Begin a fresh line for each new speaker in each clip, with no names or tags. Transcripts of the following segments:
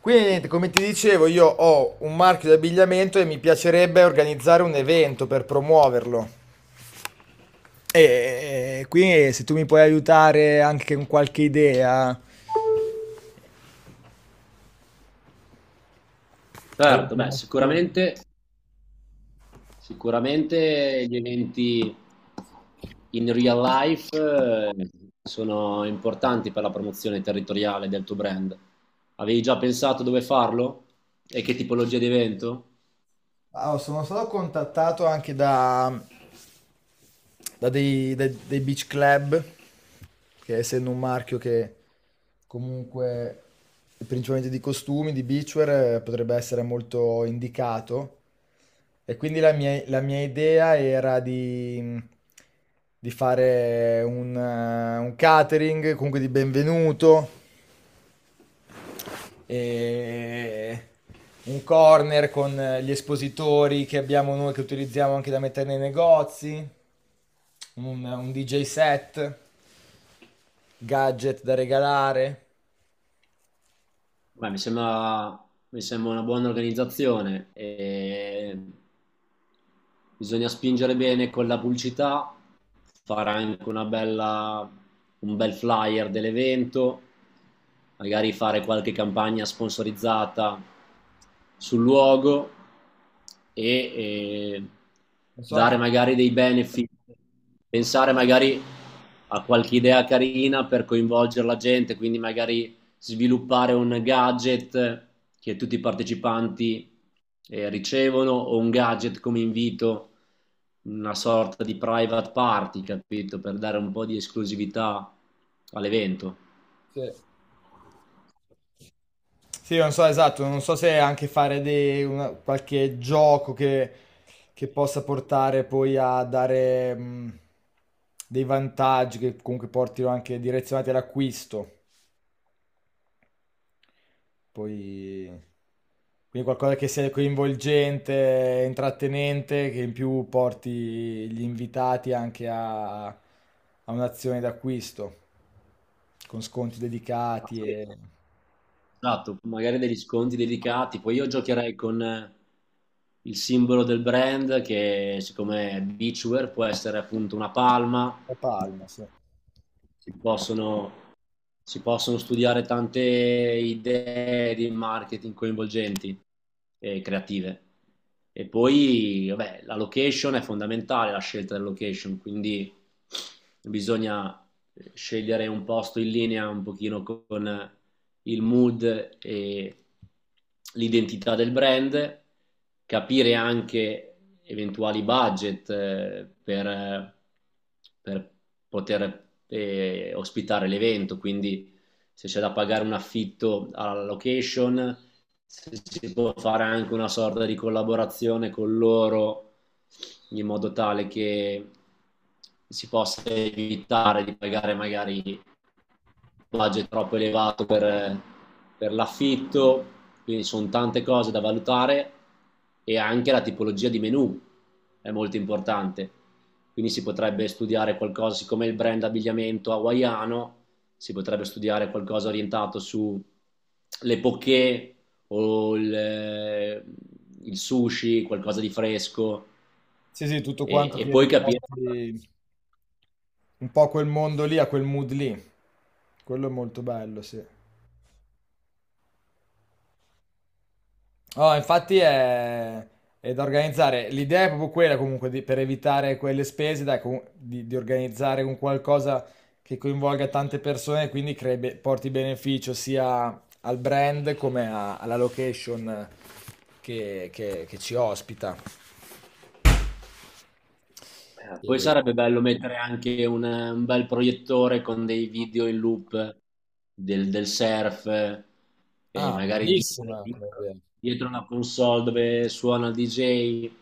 Quindi niente, come ti dicevo, io ho un marchio di abbigliamento e mi piacerebbe organizzare un evento per promuoverlo. E quindi se tu mi puoi aiutare anche con qualche idea, a una
Certo, beh,
promozione.
sicuramente, sicuramente gli eventi in real life sono importanti per la promozione territoriale del tuo brand. Avevi già pensato dove farlo? E che tipologia di evento?
Allora, sono stato contattato anche da, dei beach club, che essendo un marchio che comunque è principalmente di costumi, di beachwear, potrebbe essere molto indicato. E quindi la mia idea era di fare un catering, comunque di benvenuto, e un corner con gli espositori che abbiamo noi che utilizziamo anche da mettere nei negozi, un DJ set, gadget da regalare.
Beh, mi sembra una buona organizzazione. E Bisogna spingere bene con la pubblicità, fare anche un bel flyer dell'evento, magari fare qualche campagna sponsorizzata sul luogo e
Non so
dare
anche
magari dei benefit, pensare magari a qualche idea carina per coinvolgere la gente, quindi magari sviluppare un gadget che tutti i partecipanti ricevono, o un gadget come invito, una sorta di private party, capito? Per dare un po' di esclusività all'evento.
se... Sì, non so esatto, non so se anche qualche gioco che possa portare poi a dare dei vantaggi che comunque portino anche direzionati all'acquisto. Poi, quindi qualcosa che sia coinvolgente, intrattenente, che in più porti gli invitati anche a un'azione d'acquisto, con sconti
Ah,
dedicati
sì. Esatto, magari degli sconti dedicati. Poi io giocherei con il simbolo del brand che, siccome è beachwear, può essere appunto una palma.
e palma, sì.
si possono, si possono studiare tante idee di marketing coinvolgenti e creative. E poi, vabbè, la location è fondamentale, la scelta della location, quindi bisogna scegliere un posto in linea un pochino con il mood e l'identità del brand, capire anche eventuali budget per poter ospitare l'evento, quindi se c'è da pagare un affitto alla location, se si può fare anche una sorta di collaborazione con loro in modo tale che si possa evitare di pagare magari budget troppo elevato per l'affitto. Quindi sono tante cose da valutare, e anche la tipologia di menu è molto importante. Quindi si potrebbe studiare qualcosa, siccome il brand abbigliamento hawaiano, si potrebbe studiare qualcosa orientato sulle poké o il sushi, qualcosa di fresco
Sì, sì, tutto
e,
quanto
e
ti
poi capire.
riporti un po' a quel mondo lì, a quel mood lì. Quello è molto bello, sì. Oh, è da organizzare. L'idea è proprio quella comunque per evitare quelle spese, dai, di organizzare un qualcosa che coinvolga tante persone e quindi porti beneficio sia al brand come alla location che, che ci ospita.
Poi
E-
sarebbe bello mettere anche un bel proiettore con dei video in loop del surf, e
Ah,
magari
bellissima come idea.
dietro una console dove suona il DJ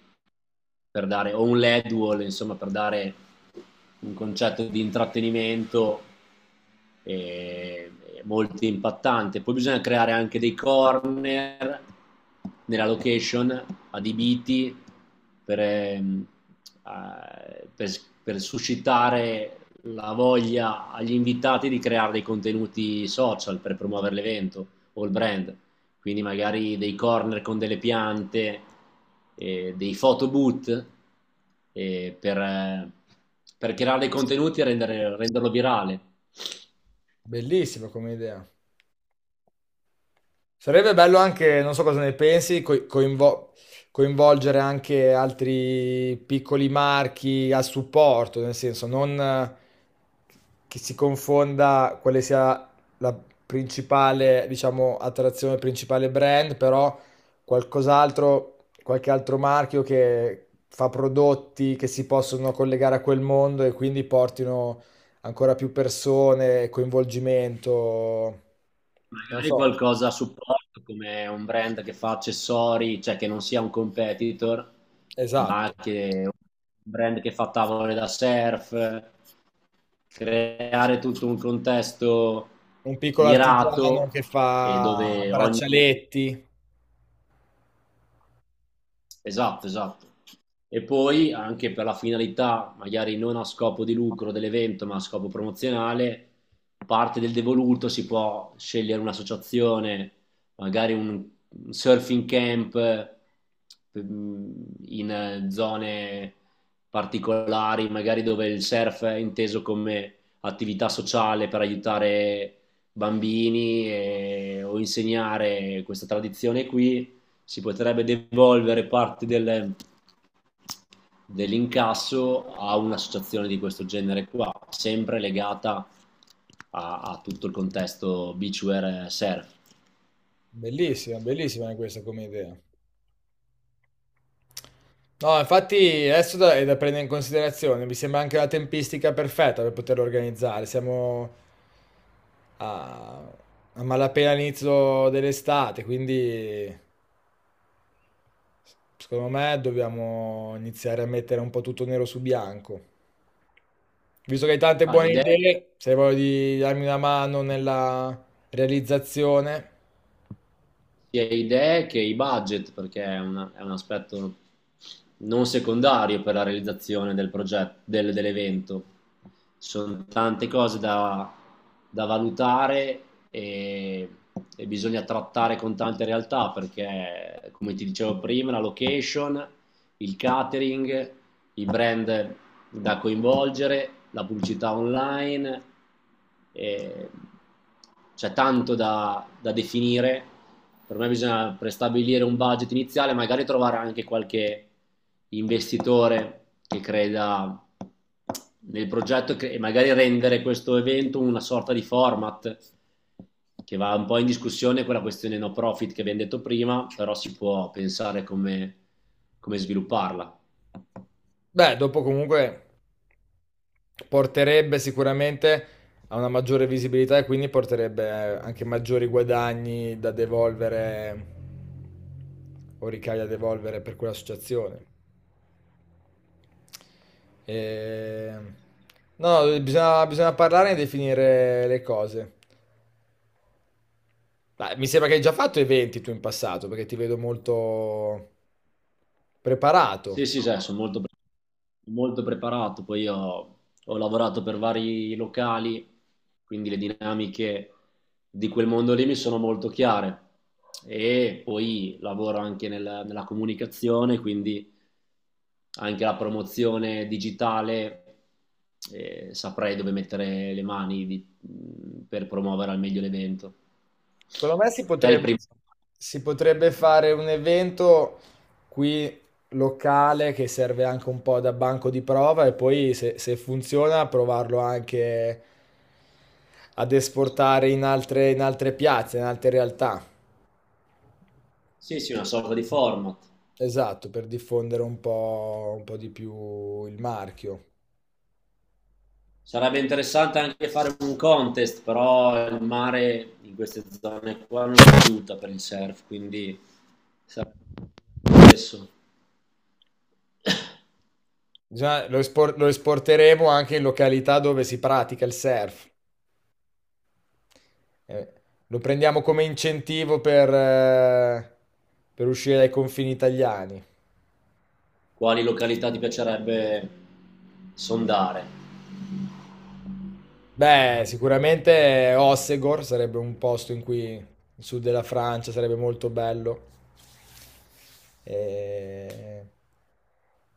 per dare, o un LED wall, insomma, per dare un concetto di intrattenimento eh, molto impattante. Poi bisogna creare anche dei corner nella location adibiti per, ehm, eh, per, per suscitare la voglia agli invitati di creare dei contenuti social per promuovere l'evento o il brand, quindi magari dei corner con delle piante, dei photoboot eh, per, eh, per creare dei contenuti e renderlo virale.
Bellissima come idea. Sarebbe bello anche, non so cosa ne pensi, coinvolgere anche altri piccoli marchi a supporto, nel senso non che si confonda quale sia la principale, diciamo, attrazione, il principale brand, però qualcos'altro, qualche altro marchio che fa prodotti che si possono collegare a quel mondo e quindi portino ancora più persone, coinvolgimento, non
Magari
so.
qualcosa a supporto come un brand che fa accessori, cioè che non sia un competitor, ma
Esatto,
che un brand che fa tavole da surf, creare tutto un contesto
un piccolo artigiano
mirato
che
e
fa
dove ogni...
braccialetti.
Esatto, esatto. E poi anche per la finalità, magari non a scopo di lucro dell'evento, ma a scopo promozionale, parte del devoluto si può scegliere un'associazione, magari un surfing camp, in zone particolari, magari dove il surf è inteso come attività sociale per aiutare bambini o insegnare questa tradizione qui, si potrebbe devolvere parte dell'incasso a un'associazione di questo genere qua, sempre legata a, a tutto il contesto beachwear surf.
Bellissima, bellissima anche questa come idea. No, infatti adesso è da prendere in considerazione, mi sembra anche una tempistica perfetta per poterlo organizzare. Siamo a, a malapena all'inizio dell'estate, quindi secondo me dobbiamo iniziare a mettere un po' tutto nero su bianco. Visto che hai tante
Ah,
buone
l'idea,
idee, se hai voglia di darmi una mano nella realizzazione.
sia idee che i budget, perché è, è un aspetto non secondario per la realizzazione del progetto, dell'evento. Sono tante cose da valutare, e, e bisogna trattare con tante realtà perché, come ti dicevo prima, la location, il catering, i brand da coinvolgere, la pubblicità online, e c'è tanto da definire. Per me bisogna prestabilire un budget iniziale, magari trovare anche qualche investitore che creda nel progetto e magari rendere questo evento una sorta di format, che va un po' in discussione con la questione no profit che abbiamo detto prima, però si può pensare come, come svilupparla.
Beh, dopo comunque porterebbe sicuramente a una maggiore visibilità e quindi porterebbe anche maggiori guadagni da devolvere o ricavi da devolvere per quell'associazione. E... No, bisogna parlare e definire le cose. Dai, mi sembra che hai già fatto eventi tu in passato, perché ti vedo molto preparato.
Sì, sì, sì, sono molto molto preparato. Poi io ho lavorato per vari locali, quindi le dinamiche di quel mondo lì mi sono molto chiare, e poi lavoro anche nella comunicazione, quindi anche la promozione digitale, saprei dove mettere le mani per promuovere al meglio l'evento.
Secondo me
Te il primo...
si potrebbe fare un evento qui locale che serve anche un po' da banco di prova e poi se funziona provarlo anche ad esportare in altre piazze, in altre realtà.
Sì, sì, una sorta di format.
Esatto, per diffondere un po' di più il marchio.
Sarebbe interessante anche fare un contest, però il mare in queste zone qua non aiuta per il surf, quindi sarebbe adesso...
Lo esporteremo anche in località dove si pratica il surf. Eh, Lo prendiamo come incentivo per uscire dai confini italiani.
Quali località ti piacerebbe sondare?
Beh, sicuramente Ossegor sarebbe un posto in cui il sud della Francia sarebbe molto bello. E,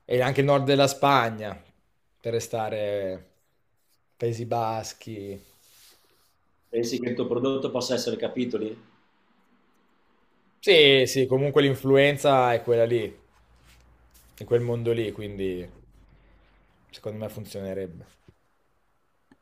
e anche il nord della Spagna, per restare Paesi Baschi.
Pensi che il tuo prodotto possa essere capitoli?
Sì, sì, comunque l'influenza è quella lì, in quel mondo lì, quindi secondo me funzionerebbe.